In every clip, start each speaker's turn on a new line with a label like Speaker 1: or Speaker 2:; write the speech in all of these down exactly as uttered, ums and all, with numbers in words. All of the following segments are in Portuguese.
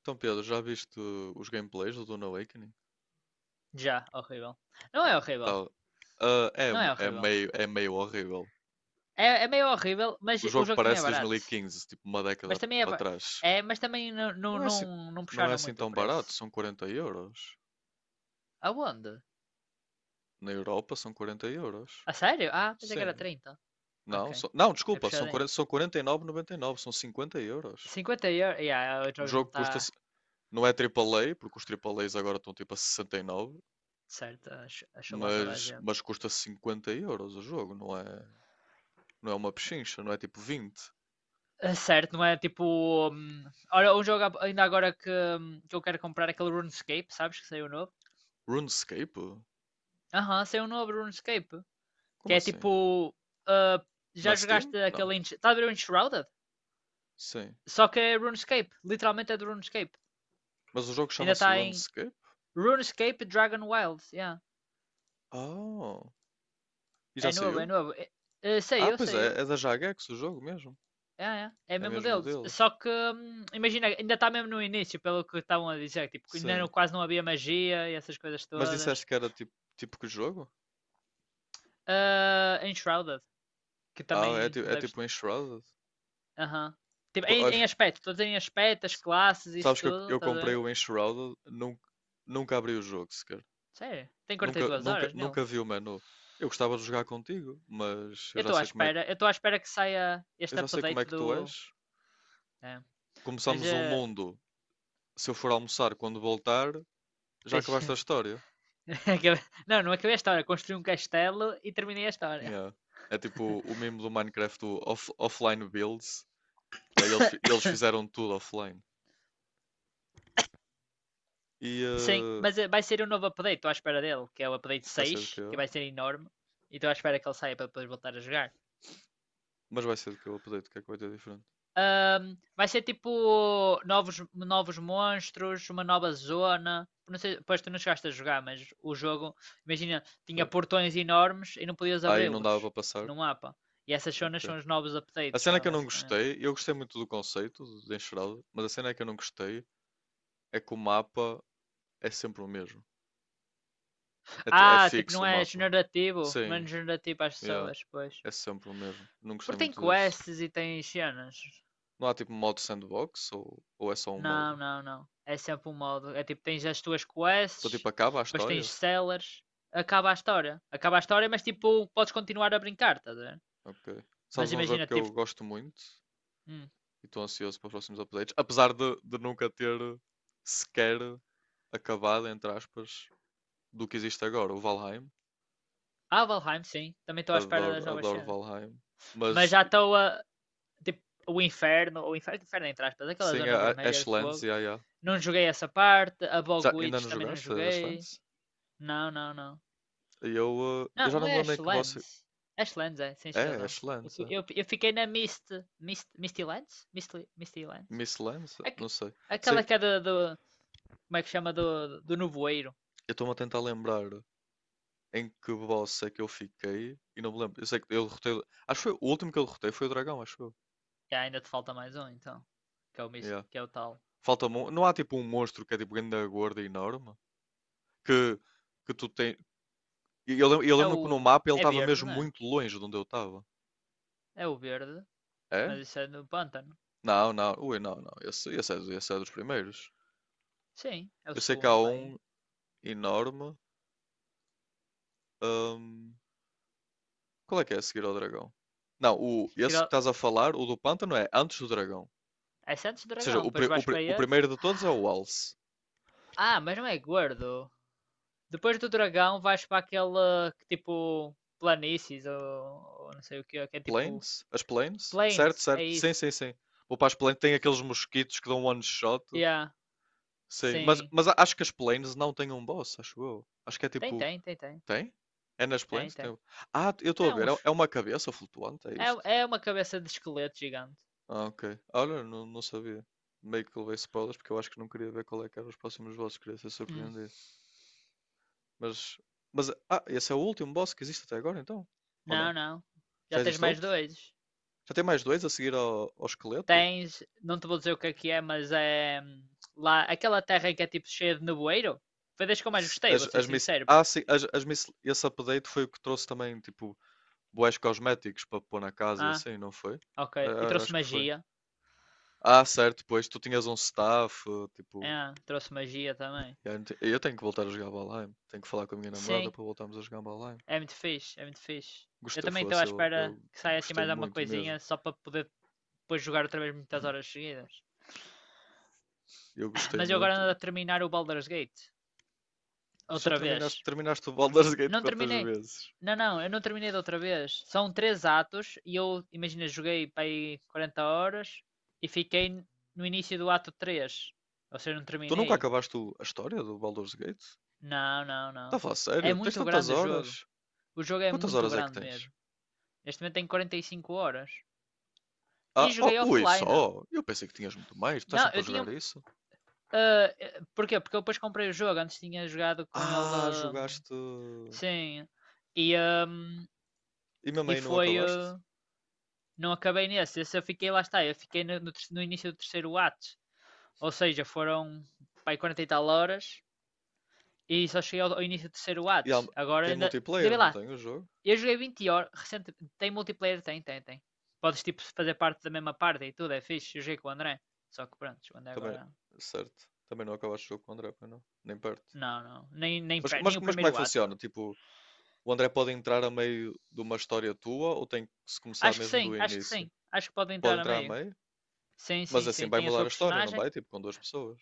Speaker 1: Então, Pedro, já viste os gameplays do Dune Awakening?
Speaker 2: Já, horrível. Não é horrível.
Speaker 1: Tá, ah, é,
Speaker 2: Não
Speaker 1: um-
Speaker 2: é
Speaker 1: é
Speaker 2: horrível.
Speaker 1: meio, é meio horrível.
Speaker 2: É, é meio horrível, mas
Speaker 1: O
Speaker 2: o
Speaker 1: jogo
Speaker 2: jogo também
Speaker 1: parece
Speaker 2: é barato.
Speaker 1: dois mil e quinze, tipo uma
Speaker 2: Mas
Speaker 1: década
Speaker 2: também é.
Speaker 1: para
Speaker 2: ba-
Speaker 1: trás.
Speaker 2: é mas também não, não,
Speaker 1: Não é assim,
Speaker 2: não, não
Speaker 1: não é
Speaker 2: puxaram
Speaker 1: assim
Speaker 2: muito o
Speaker 1: tão
Speaker 2: preço.
Speaker 1: barato, são quarenta euros.
Speaker 2: Aonde?
Speaker 1: Na Europa são quarenta euros.
Speaker 2: A sério? Ah, pensei que era
Speaker 1: Sim.
Speaker 2: trinta.
Speaker 1: Não,
Speaker 2: Ok.
Speaker 1: são- não,
Speaker 2: É
Speaker 1: desculpa, são
Speaker 2: puxadinho.
Speaker 1: quarenta, são quarenta e nove vírgula noventa e nove, são cinquenta euros.
Speaker 2: Cinquenta euros. Yeah, o
Speaker 1: O
Speaker 2: jogo não
Speaker 1: jogo custa,
Speaker 2: está
Speaker 1: não é triplo A, porque os triplo A's agora estão tipo a sessenta e nove,
Speaker 2: certo. A, ch- a chulata da
Speaker 1: mas,
Speaker 2: gente.
Speaker 1: mas custa cinquenta euros o jogo, não é, não é uma pechincha, não é tipo vinte.
Speaker 2: É certo, não é tipo. hum, Olha, um jogo ab- ainda agora que, hum, que eu quero comprar é aquele RuneScape, sabes? Que saiu novo.
Speaker 1: RuneScape?
Speaker 2: Aham, saiu um novo RuneScape.
Speaker 1: Como
Speaker 2: Que é
Speaker 1: assim?
Speaker 2: tipo. ah,
Speaker 1: Na
Speaker 2: Já
Speaker 1: Steam?
Speaker 2: jogaste
Speaker 1: Não.
Speaker 2: aquele. Ensh- Está a ver o Enshrouded?
Speaker 1: Sim.
Speaker 2: Só que é RuneScape. Literalmente é do RuneScape.
Speaker 1: Mas o jogo
Speaker 2: Ainda
Speaker 1: chama-se
Speaker 2: está em
Speaker 1: RuneScape?
Speaker 2: RuneScape Dragon Wilds. Yeah.
Speaker 1: Oh. E
Speaker 2: É
Speaker 1: já
Speaker 2: novo, é
Speaker 1: saiu?
Speaker 2: novo. É, é, sei
Speaker 1: Ah,
Speaker 2: eu,
Speaker 1: pois
Speaker 2: sei eu.
Speaker 1: é, é da Jagex o jogo mesmo.
Speaker 2: É, é, é
Speaker 1: É
Speaker 2: mesmo
Speaker 1: mesmo
Speaker 2: deles.
Speaker 1: deles.
Speaker 2: Só que, hum, imagina, ainda está mesmo no início, pelo que estavam a dizer. Tipo, ainda
Speaker 1: Sim.
Speaker 2: não- quase não havia magia e essas coisas
Speaker 1: Mas
Speaker 2: todas.
Speaker 1: disseste que era tipo, tipo que jogo?
Speaker 2: Ah, Enshrouded, que
Speaker 1: Ah, é,
Speaker 2: também
Speaker 1: ti-
Speaker 2: não
Speaker 1: é
Speaker 2: deves.
Speaker 1: tipo o Enshrouded?
Speaker 2: Aham. Tipo,
Speaker 1: Pô,
Speaker 2: em, em
Speaker 1: olha,
Speaker 2: aspecto, todos em aspecto, as
Speaker 1: s-
Speaker 2: classes, isso
Speaker 1: sabes que eu,
Speaker 2: tudo,
Speaker 1: eu
Speaker 2: estás a
Speaker 1: comprei
Speaker 2: ver?
Speaker 1: o Enshrouded, nunca, nunca abri o jogo sequer.
Speaker 2: Sério, tem quarenta e
Speaker 1: Nunca,
Speaker 2: duas
Speaker 1: nunca,
Speaker 2: horas nele.
Speaker 1: nunca vi o menu. Eu gostava de jogar contigo, mas eu
Speaker 2: Eu
Speaker 1: já
Speaker 2: estou à
Speaker 1: sei como é que,
Speaker 2: espera, eu estou à espera que saia
Speaker 1: eu
Speaker 2: este
Speaker 1: já sei como é
Speaker 2: update
Speaker 1: que
Speaker 2: do.
Speaker 1: tu és.
Speaker 2: é, Mas
Speaker 1: Começamos um
Speaker 2: eh,
Speaker 1: mundo se eu for almoçar quando voltar, já acabaste a
Speaker 2: deixa-
Speaker 1: história.
Speaker 2: Não, não acabei a história. Construí um castelo e terminei a história.
Speaker 1: Yeah. É tipo o meme do Minecraft do off- offline builds. E aí eles, fi- eles fizeram tudo offline. E
Speaker 2: Sim,
Speaker 1: eh,
Speaker 2: mas eh, vai ser um novo update, estou à espera dele, que é o update
Speaker 1: vai ser do que
Speaker 2: seis, que
Speaker 1: é?
Speaker 2: vai ser enorme. E estou à espera que ele saia para depois voltar a jogar.
Speaker 1: Mas vai ser do que eu update, o que é que vai ter diferente?
Speaker 2: Ahm, vai ser tipo novos, novos monstros, uma nova zona. Não sei, pois tu não chegaste a jogar, mas o jogo, imagina, tinha
Speaker 1: Foi.
Speaker 2: portões enormes e não podias
Speaker 1: Aí não dava para
Speaker 2: abri-los
Speaker 1: passar.
Speaker 2: no mapa. E essas zonas
Speaker 1: Ok.
Speaker 2: são os novos
Speaker 1: A
Speaker 2: updates,
Speaker 1: cena
Speaker 2: vá,
Speaker 1: que eu não
Speaker 2: basicamente.
Speaker 1: gostei, eu gostei muito do conceito de de enxerado, mas a cena que eu não gostei é que o mapa é sempre o mesmo. É, ti- é
Speaker 2: Ah, tipo,
Speaker 1: fixo
Speaker 2: não
Speaker 1: o
Speaker 2: é
Speaker 1: mapa.
Speaker 2: generativo, não é
Speaker 1: Sim,
Speaker 2: generativo às
Speaker 1: yeah,
Speaker 2: pessoas, pois.
Speaker 1: é sempre o mesmo. Não gostei
Speaker 2: Porque tem
Speaker 1: muito disso.
Speaker 2: quests e tem cenas.
Speaker 1: Não há tipo um modo sandbox ou, ou é só um modo?
Speaker 2: Não, não, não. É sempre um modo. É tipo, tens as tuas
Speaker 1: Então
Speaker 2: quests,
Speaker 1: tipo acaba a
Speaker 2: depois tens
Speaker 1: história?
Speaker 2: sellers, acaba a história. Acaba a história, mas tipo, podes continuar a brincar, estás a ver?
Speaker 1: Ok.
Speaker 2: Mas
Speaker 1: Sabes um jogo
Speaker 2: imagina,
Speaker 1: que
Speaker 2: tipo.
Speaker 1: eu gosto muito
Speaker 2: Hum.
Speaker 1: e estou ansioso para os próximos updates, apesar de, de nunca ter sequer acabado, entre aspas, do que existe agora, o Valheim.
Speaker 2: Ah, Valheim, sim. Também estou à espera
Speaker 1: Adoro,
Speaker 2: das novas
Speaker 1: adoro
Speaker 2: cenas.
Speaker 1: Valheim.
Speaker 2: Mas
Speaker 1: Mas
Speaker 2: já estou a. Tipo, o inferno, o inferno, inferno entre aspas, aquela
Speaker 1: sem a
Speaker 2: zona
Speaker 1: a
Speaker 2: vermelha de
Speaker 1: Ashlands,
Speaker 2: fogo.
Speaker 1: yeah, yeah.
Speaker 2: Não joguei essa parte. A
Speaker 1: Já, ainda
Speaker 2: Bogwitch
Speaker 1: não
Speaker 2: também não
Speaker 1: jogaste a
Speaker 2: joguei.
Speaker 1: Ashlands?
Speaker 2: Não, não, não.
Speaker 1: E Eu, eh, eu
Speaker 2: Não,
Speaker 1: já
Speaker 2: não
Speaker 1: não me
Speaker 2: é
Speaker 1: lembro em que você.
Speaker 2: Ashlands. Ashlands é, tens
Speaker 1: É, É
Speaker 2: razão. Eu,
Speaker 1: Ashlands,
Speaker 2: fi-
Speaker 1: é.
Speaker 2: eu, eu fiquei na Mist, Mist, Misty Lands? Misty, Misty Lands?
Speaker 1: Miss Lands?
Speaker 2: Aque-
Speaker 1: Não sei. Sim,
Speaker 2: Aquela que é do, do- Como é que chama? Do, do nevoeiro.
Speaker 1: eu estou-me a tentar lembrar em que boss é que eu fiquei e não me lembro. Eu sei que eu derrotei. Acho que foi o último que eu derrotei foi o dragão, acho eu.
Speaker 2: E ainda te falta mais um, então. Que é o, Mis-
Speaker 1: Yeah.
Speaker 2: que é o tal.
Speaker 1: Falta mon- Não há tipo um monstro que é tipo grande gorda e enorme que, que tu tem. e Eu lembro, eu
Speaker 2: É
Speaker 1: lembro que no
Speaker 2: o.
Speaker 1: mapa ele
Speaker 2: É
Speaker 1: estava
Speaker 2: verde,
Speaker 1: mesmo
Speaker 2: não é?
Speaker 1: muito longe de onde eu estava.
Speaker 2: É o verde.
Speaker 1: É?
Speaker 2: Mas isso é no pântano.
Speaker 1: Não, não, ui, não, não. Esse, esse, é, esse é dos primeiros.
Speaker 2: Sim, é o
Speaker 1: Eu sei que há
Speaker 2: segundo, pai.
Speaker 1: um enorme. hum, Qual é que é a seguir ao dragão? Não, o, esse que
Speaker 2: Tira-
Speaker 1: estás a falar, o do pântano, é antes do dragão. Ou
Speaker 2: É Santos
Speaker 1: seja,
Speaker 2: Dragão.
Speaker 1: o,
Speaker 2: Depois
Speaker 1: pri- o
Speaker 2: vais
Speaker 1: pri-
Speaker 2: para
Speaker 1: o
Speaker 2: esse.
Speaker 1: primeiro de todos é o Alce.
Speaker 2: Ah, mas não é gordo. Depois do dragão vais para aquela que tipo planícies ou, ou não sei o que, é, que é tipo
Speaker 1: Planes? As planes? Certo,
Speaker 2: plains, é
Speaker 1: certo. Sim,
Speaker 2: isso.
Speaker 1: sim, sim. Vou para as planes. Tem aqueles mosquitos que dão um one shot.
Speaker 2: Yeah,
Speaker 1: Sim, mas,
Speaker 2: sim.
Speaker 1: mas a- acho que as planes não têm um boss, acho eu. Acho que é
Speaker 2: Tem,
Speaker 1: tipo.
Speaker 2: tem, tem, tem.
Speaker 1: Tem? É nas
Speaker 2: Tem,
Speaker 1: planes?
Speaker 2: tem.
Speaker 1: Tem... Ah, eu estou a
Speaker 2: É
Speaker 1: ver. É,
Speaker 2: uns.
Speaker 1: é uma cabeça flutuante, é isto?
Speaker 2: É, é uma cabeça de esqueleto gigante.
Speaker 1: Ah, ok. Olha, não, não sabia. Meio que levei spoilers porque eu acho que não queria ver qual é que eram os próximos bosses. Queria ser
Speaker 2: Hum.
Speaker 1: surpreendido. Mas. Mas. Ah, esse é o último boss que existe até agora, então? Ou
Speaker 2: Não,
Speaker 1: não?
Speaker 2: não. Já
Speaker 1: Já
Speaker 2: tens
Speaker 1: existe
Speaker 2: mais
Speaker 1: outro?
Speaker 2: dois.
Speaker 1: Já tem mais dois a seguir ao, ao esqueleto?
Speaker 2: Tens, não te vou dizer o que é que é, mas é hum, lá aquela terra que é tipo cheia de nevoeiro. Foi das que eu mais
Speaker 1: se-
Speaker 2: gostei, vou
Speaker 1: As,
Speaker 2: ser
Speaker 1: as miss...
Speaker 2: sincero.
Speaker 1: Ah, sim, as, as miss... esse update foi o que trouxe também, tipo, bués cosméticos para pôr na casa e
Speaker 2: Ah,
Speaker 1: assim, não foi?
Speaker 2: ok. E
Speaker 1: Ah, ah,
Speaker 2: trouxe
Speaker 1: acho que foi.
Speaker 2: magia.
Speaker 1: Ah, certo, pois, tu tinhas um staff, eh, tipo...
Speaker 2: Ah, trouxe magia também.
Speaker 1: Eu não te- eu tenho que voltar a jogar Valheim. Tenho que falar com a minha namorada
Speaker 2: Sim,
Speaker 1: para voltarmos a jogar Valheim.
Speaker 2: é muito fixe, é muito fixe. Eu
Speaker 1: Gostei,
Speaker 2: também estou à
Speaker 1: fosse, eu,
Speaker 2: espera
Speaker 1: eu
Speaker 2: que saia assim
Speaker 1: gostei
Speaker 2: mais alguma
Speaker 1: muito mesmo.
Speaker 2: coisinha só para poder depois jogar outra vez muitas horas seguidas.
Speaker 1: Eu gostei
Speaker 2: Mas eu agora
Speaker 1: muito.
Speaker 2: ando a terminar o Baldur's Gate.
Speaker 1: Já
Speaker 2: Outra vez.
Speaker 1: terminaste, terminaste o Baldur's Gate
Speaker 2: Não
Speaker 1: quantas
Speaker 2: terminei.
Speaker 1: vezes?
Speaker 2: Não, não, eu não terminei da outra vez. São três atos e eu, imagina, joguei para aí quarenta horas e fiquei no início do ato três. Ou seja, não
Speaker 1: Tu nunca
Speaker 2: terminei.
Speaker 1: acabaste o- a história do Baldur's Gate?
Speaker 2: Não, não,
Speaker 1: Está a
Speaker 2: não.
Speaker 1: falar
Speaker 2: É
Speaker 1: sério? Tens
Speaker 2: muito
Speaker 1: tantas
Speaker 2: grande o jogo.
Speaker 1: horas?
Speaker 2: O jogo é
Speaker 1: Quantas
Speaker 2: muito
Speaker 1: horas é que
Speaker 2: grande
Speaker 1: tens?
Speaker 2: mesmo. Neste momento tem quarenta e cinco horas. E
Speaker 1: Ah, oh,
Speaker 2: joguei
Speaker 1: ui,
Speaker 2: offline.
Speaker 1: só? Eu pensei que tinhas muito mais. Tu estás
Speaker 2: Não,
Speaker 1: sempre a
Speaker 2: eu tinha,
Speaker 1: jogar isso?
Speaker 2: ah, eh, porquê? Porque eu depois comprei o jogo, antes tinha jogado com
Speaker 1: Ah,
Speaker 2: ele. hum,
Speaker 1: jogaste.
Speaker 2: Sim. E, hum,
Speaker 1: E mesmo
Speaker 2: e
Speaker 1: aí não
Speaker 2: foi.
Speaker 1: acabaste?
Speaker 2: eh, Não acabei nesse. Esse eu fiquei lá está. Eu fiquei no, no no início do terceiro ato. Ou seja, foram pai quarenta e tal horas e só cheguei ao, ao início do terceiro
Speaker 1: E
Speaker 2: ato.
Speaker 1: há-
Speaker 2: Agora
Speaker 1: tem
Speaker 2: ainda. Ainda
Speaker 1: multiplayer,
Speaker 2: bem
Speaker 1: não
Speaker 2: lá.
Speaker 1: tem o jogo?
Speaker 2: Eu joguei vinte horas recente. Tem multiplayer? Tem, tem, tem. Podes tipo fazer parte da mesma parte e tudo, é fixe. Eu joguei com o André. Só que pronto, o André
Speaker 1: Também,
Speaker 2: agora.
Speaker 1: certo. Também não acabaste o jogo com o André, pois não? Nem perto.
Speaker 2: Não, não. Nem, nem,
Speaker 1: Mas, mas,
Speaker 2: nem o
Speaker 1: mas como é que
Speaker 2: primeiro ato, bro.
Speaker 1: funciona? Tipo, o André pode entrar a meio de uma história tua ou tem que se começar
Speaker 2: Acho que
Speaker 1: mesmo
Speaker 2: sim,
Speaker 1: do
Speaker 2: acho que
Speaker 1: início?
Speaker 2: sim. Acho que pode
Speaker 1: Pode
Speaker 2: entrar a
Speaker 1: entrar a
Speaker 2: meio.
Speaker 1: meio?
Speaker 2: Sim,
Speaker 1: Mas
Speaker 2: sim,
Speaker 1: assim
Speaker 2: sim.
Speaker 1: vai
Speaker 2: Tem a
Speaker 1: mudar
Speaker 2: sua
Speaker 1: a história, não
Speaker 2: personagem.
Speaker 1: vai? Tipo, com duas pessoas?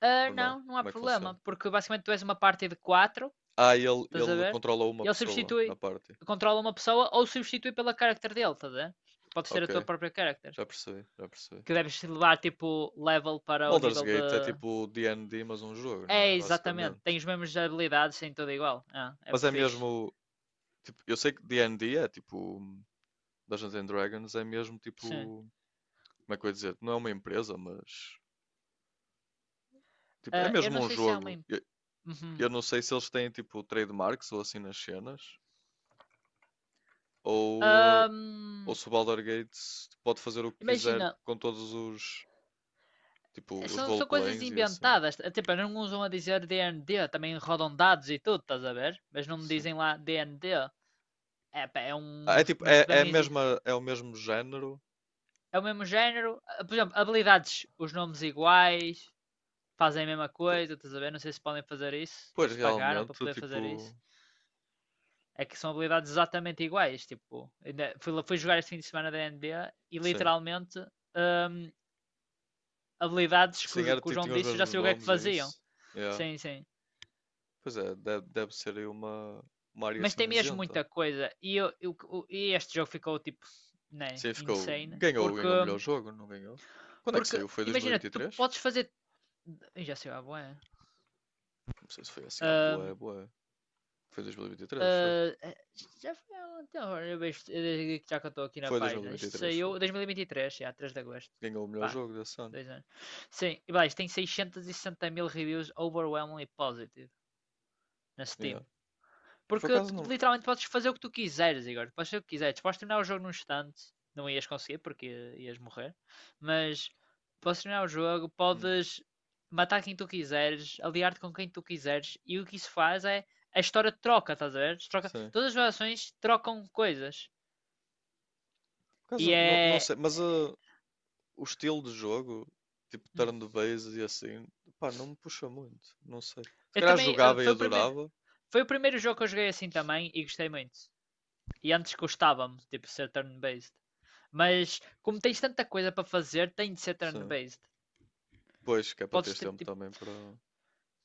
Speaker 2: Ah,
Speaker 1: Ou não?
Speaker 2: não, não há
Speaker 1: Como é que
Speaker 2: problema,
Speaker 1: funciona?
Speaker 2: porque basicamente tu és uma party de quatro,
Speaker 1: Ah, ele,
Speaker 2: estás a
Speaker 1: ele
Speaker 2: ver?
Speaker 1: controla uma
Speaker 2: E ele
Speaker 1: pessoa na
Speaker 2: substitui,
Speaker 1: party.
Speaker 2: controla uma pessoa ou substitui pela character dele, estás a ver? Pode ser a
Speaker 1: Ok.
Speaker 2: tua própria character.
Speaker 1: Já percebi, já percebi.
Speaker 2: Que deves levar tipo level para o
Speaker 1: Baldur's
Speaker 2: nível de.
Speaker 1: Gate é tipo D e D, mas um jogo, não é?
Speaker 2: É, exatamente. Tem
Speaker 1: Basicamente.
Speaker 2: as mesmas habilidades, tem tudo igual. Ah, é
Speaker 1: Mas
Speaker 2: muito
Speaker 1: é
Speaker 2: fixe.
Speaker 1: mesmo, tipo, eu sei que D e D é tipo Dungeons and Dragons, é mesmo
Speaker 2: Sim.
Speaker 1: tipo, como é que eu ia dizer? Não é uma empresa, mas tipo, é
Speaker 2: Ah, eu
Speaker 1: mesmo
Speaker 2: não
Speaker 1: um
Speaker 2: sei se é uma.
Speaker 1: jogo.
Speaker 2: im-
Speaker 1: Eu,
Speaker 2: Uhum.
Speaker 1: eu não sei se eles têm tipo trademarks ou assim nas cenas, ou, eh, ou
Speaker 2: Ahm,
Speaker 1: se o Baldur's Gate pode fazer o que quiser
Speaker 2: Imagina,
Speaker 1: com todos os, tipo, os
Speaker 2: São, são coisas
Speaker 1: roleplays e assim.
Speaker 2: inventadas. Eh, Tipo, não usam a dizer D N D, também rodam dados e tudo, estás a ver? Mas não me
Speaker 1: Sim.
Speaker 2: dizem lá D N D. É, pá, é
Speaker 1: Ah,
Speaker 2: um.
Speaker 1: é tipo,
Speaker 2: Mas
Speaker 1: é,
Speaker 2: para
Speaker 1: é a
Speaker 2: mim
Speaker 1: mesma, é o mesmo género.
Speaker 2: é o mesmo género. Eh, Por exemplo, habilidades, os nomes iguais, fazem a mesma
Speaker 1: Po-
Speaker 2: coisa, estás a ver? Não sei se podem fazer isso, ou
Speaker 1: Pois
Speaker 2: se pagaram para
Speaker 1: realmente,
Speaker 2: poder fazer
Speaker 1: tipo,
Speaker 2: isso. É que são habilidades exatamente iguais. Tipo, fui, fui jogar este fim de semana da N B A e
Speaker 1: sim.
Speaker 2: literalmente hum, habilidades que
Speaker 1: Sim,
Speaker 2: o,
Speaker 1: era
Speaker 2: que o
Speaker 1: ti-
Speaker 2: João
Speaker 1: tinha os
Speaker 2: disse, eu já
Speaker 1: mesmos
Speaker 2: sei o que é que
Speaker 1: nomes é
Speaker 2: faziam.
Speaker 1: isso. Yeah.
Speaker 2: Sim, sim.
Speaker 1: Pois é, deve, deve ser aí uma, uma área
Speaker 2: Mas tem mesmo
Speaker 1: cinzenta.
Speaker 2: muita coisa. E, eu, eu- e este jogo ficou tipo, né,
Speaker 1: Sim, ficou.
Speaker 2: insane.
Speaker 1: Ganhou,
Speaker 2: Porque,
Speaker 1: ganhou o melhor jogo, não ganhou? Quando é que
Speaker 2: porque
Speaker 1: saiu? Foi
Speaker 2: imagina, tu
Speaker 1: dois mil e vinte e três?
Speaker 2: podes fazer. Já sei lá, boa.
Speaker 1: Não sei se foi assim, ah, boa.
Speaker 2: Ahm,
Speaker 1: Boé. Foi dois mil e vinte e três, foi.
Speaker 2: ah, eh, Já foi há um tempo, eu vejo- eh, já que eu estou aqui na
Speaker 1: Foi
Speaker 2: página. Isto
Speaker 1: dois mil e vinte e três, foi.
Speaker 2: saiu dois mil e vinte e três, já, três de agosto.
Speaker 1: Ganhou o melhor
Speaker 2: Pá,
Speaker 1: jogo desse ano.
Speaker 2: dois anos. Sim, e vai, isto tem seiscentos e sessenta mil reviews overwhelmingly positive na
Speaker 1: Yeah.
Speaker 2: Steam.
Speaker 1: Mas por
Speaker 2: Porque
Speaker 1: acaso
Speaker 2: tu
Speaker 1: não.
Speaker 2: literalmente podes fazer o que tu quiseres, Igor. Podes fazer o que quiseres. Podes terminar o jogo num instante. Não ias conseguir porque ia- ias morrer. Mas podes terminar o jogo,
Speaker 1: Hum,
Speaker 2: podes matar quem tu quiseres, aliar-te com quem tu quiseres. E o que isso faz é a história troca, estás a ver? Troca,
Speaker 1: sim.
Speaker 2: todas as gerações trocam coisas.
Speaker 1: Por acaso
Speaker 2: E
Speaker 1: não, não
Speaker 2: é.
Speaker 1: sei, mas ah, o estilo de jogo, tipo
Speaker 2: hum.
Speaker 1: turn-based e assim, pá, não me puxa muito. Não sei. Se
Speaker 2: Eu
Speaker 1: calhar
Speaker 2: também. eh,
Speaker 1: jogava e
Speaker 2: Foi o, primeiro,
Speaker 1: adorava.
Speaker 2: foi o primeiro jogo que eu joguei assim também e gostei muito. E antes gostava-me, tipo, ser turn-based. Mas como tens tanta coisa para fazer, tem de ser
Speaker 1: Sim.
Speaker 2: turn-based.
Speaker 1: Pois, que é para
Speaker 2: Podes
Speaker 1: teres
Speaker 2: ter
Speaker 1: tempo
Speaker 2: tipo.
Speaker 1: também para.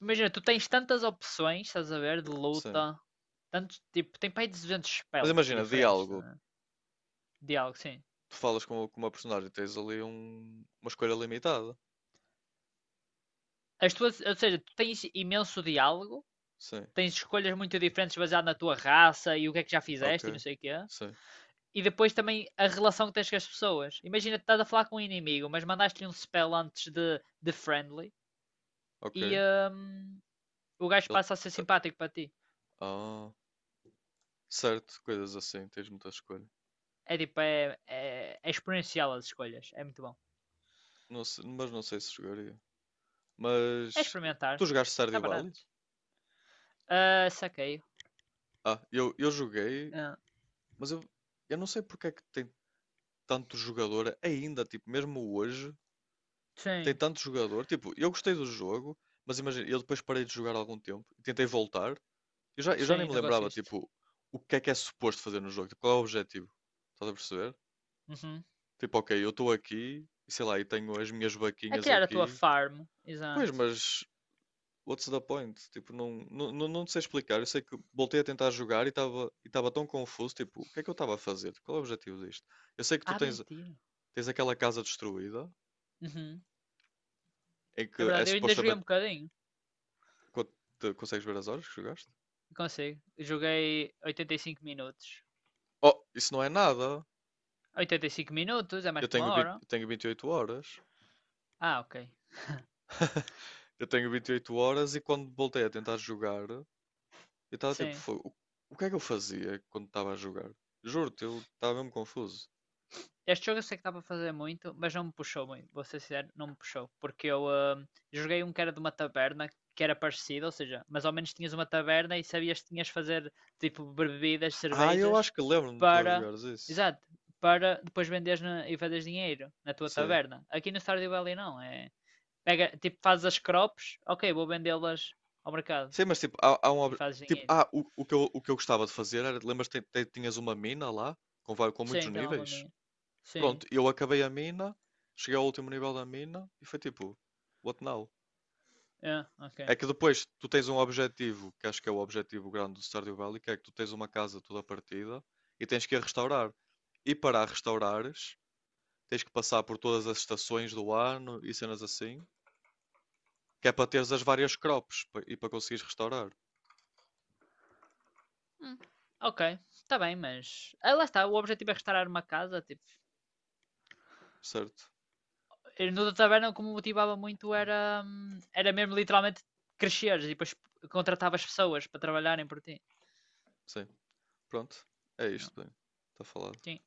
Speaker 2: Imagina, tu tens tantas opções, estás a ver, de
Speaker 1: Sim.
Speaker 2: luta. Tanto, tipo, tem para aí duzentos
Speaker 1: Mas
Speaker 2: spells
Speaker 1: imagina,
Speaker 2: diferentes,
Speaker 1: diálogo.
Speaker 2: né? Diálogo, sim.
Speaker 1: Tu falas com, com uma personagem, tens ali um- uma escolha limitada.
Speaker 2: As tuas, ou seja, tu tens imenso diálogo,
Speaker 1: Sim,
Speaker 2: tens escolhas muito diferentes baseado na tua raça e o que é que já fizeste e não
Speaker 1: ok.
Speaker 2: sei o quê.
Speaker 1: Sim,
Speaker 2: E depois também a relação que tens com as pessoas. Imagina tu estás a falar com um inimigo, mas mandaste-lhe um spell antes de, de friendly e
Speaker 1: ok.
Speaker 2: hum, o gajo
Speaker 1: Ele
Speaker 2: passa a ser
Speaker 1: ta-
Speaker 2: simpático para ti.
Speaker 1: Ah, certo, coisas assim, tens muita escolha.
Speaker 2: É tipo, é, é, é exponencial as escolhas, é muito bom.
Speaker 1: Não se- mas não sei se jogaria.
Speaker 2: É
Speaker 1: Mas
Speaker 2: experimentar.
Speaker 1: tu jogaste
Speaker 2: Está
Speaker 1: Stardew Valley?
Speaker 2: barato. Ah, uh, saquei.
Speaker 1: Ah, eu, eu joguei,
Speaker 2: Ah,
Speaker 1: mas eu, eu não sei porque é que tem tanto jogador ainda, tipo, mesmo hoje, tem
Speaker 2: sim,
Speaker 1: tanto jogador. Tipo, eu gostei do jogo, mas imagina, eu depois parei de jogar algum tempo e tentei voltar. Eu já, eu já nem
Speaker 2: sim,
Speaker 1: me
Speaker 2: negócio
Speaker 1: lembrava,
Speaker 2: este.
Speaker 1: tipo, o que é que é suposto fazer no jogo, tipo, qual é o objetivo? Estás a perceber?
Speaker 2: Uhum.
Speaker 1: Tipo, ok, eu estou aqui, e sei lá, e tenho as minhas
Speaker 2: A
Speaker 1: vaquinhas
Speaker 2: criar a tua
Speaker 1: aqui.
Speaker 2: farm,
Speaker 1: Pois,
Speaker 2: exato.
Speaker 1: mas what's the point? Tipo, não, não, não, não sei explicar. Eu sei que voltei a tentar jogar e estava e estava tão confuso, tipo, o que é que eu estava a fazer? Tipo, qual é o objetivo disto? Eu sei que tu
Speaker 2: Ah,
Speaker 1: tens,
Speaker 2: mentira.
Speaker 1: tens aquela casa destruída,
Speaker 2: Uhum.
Speaker 1: em
Speaker 2: É
Speaker 1: que é
Speaker 2: verdade, eu ainda joguei um
Speaker 1: supostamente
Speaker 2: bocadinho.
Speaker 1: quando te- consegues ver as horas que jogaste.
Speaker 2: Não consigo. Eu joguei oitenta e cinco minutos.
Speaker 1: Oh, isso não é nada.
Speaker 2: oitenta e cinco minutos é mais
Speaker 1: Eu
Speaker 2: que uma
Speaker 1: tenho vinte.
Speaker 2: hora.
Speaker 1: Eu tenho vinte e oito horas.
Speaker 2: Ah, ok.
Speaker 1: Eu tenho vinte e oito horas e quando voltei a tentar jogar, eu estava tipo,
Speaker 2: Sim.
Speaker 1: "Fo- o, o que é que eu fazia quando estava a jogar? Juro-te, eu estava mesmo confuso.
Speaker 2: Este jogo eu sei que dá para fazer muito, mas não me puxou muito, vou ser sincero, não me puxou. Porque eu ah, joguei um que era de uma taberna, que era parecido, ou seja, mas ao menos tinhas uma taberna e sabias que tinhas de fazer tipo bebidas,
Speaker 1: Ah, eu acho
Speaker 2: cervejas,
Speaker 1: que lembro-me de tu a
Speaker 2: para.
Speaker 1: jogares isso.
Speaker 2: Exato, para depois venderes na- e fazeres dinheiro na tua
Speaker 1: Sim.
Speaker 2: taberna. Aqui no Stardew Valley não, é. Pega, tipo, fazes as crops, ok, vou vendê-las ao mercado
Speaker 1: Sim, mas tipo, há, há um.
Speaker 2: e
Speaker 1: Ob-
Speaker 2: fazes
Speaker 1: Tipo,
Speaker 2: dinheiro.
Speaker 1: ah, o, o que eu, o que eu gostava de fazer era. Lembras que te- tinhas uma mina lá? Com, vai- com muitos
Speaker 2: Sim, tem lá uma
Speaker 1: níveis?
Speaker 2: minha. Sim,
Speaker 1: Pronto, eu acabei a mina, cheguei ao último nível da mina e foi tipo, what now?
Speaker 2: é, ok.
Speaker 1: É que depois tu tens um objetivo, que acho que é o objetivo grande do Stardew Valley, que é que tu tens uma casa toda partida e tens que a restaurar. E para a restaurares, tens que passar por todas as estações do ano e cenas assim, que é para teres as várias crops pa- e para conseguires restaurar,
Speaker 2: Hum, ok, está bem, mas. Ah, lá está, o objetivo é restaurar uma casa. Tipo,
Speaker 1: certo?
Speaker 2: ir no da taverna, como me motivava muito, era, hum, era mesmo literalmente cresceres e depois contratavas pessoas para trabalharem por ti.
Speaker 1: Sim, pronto. É
Speaker 2: Não,
Speaker 1: isto, bem. Está falado.
Speaker 2: sim.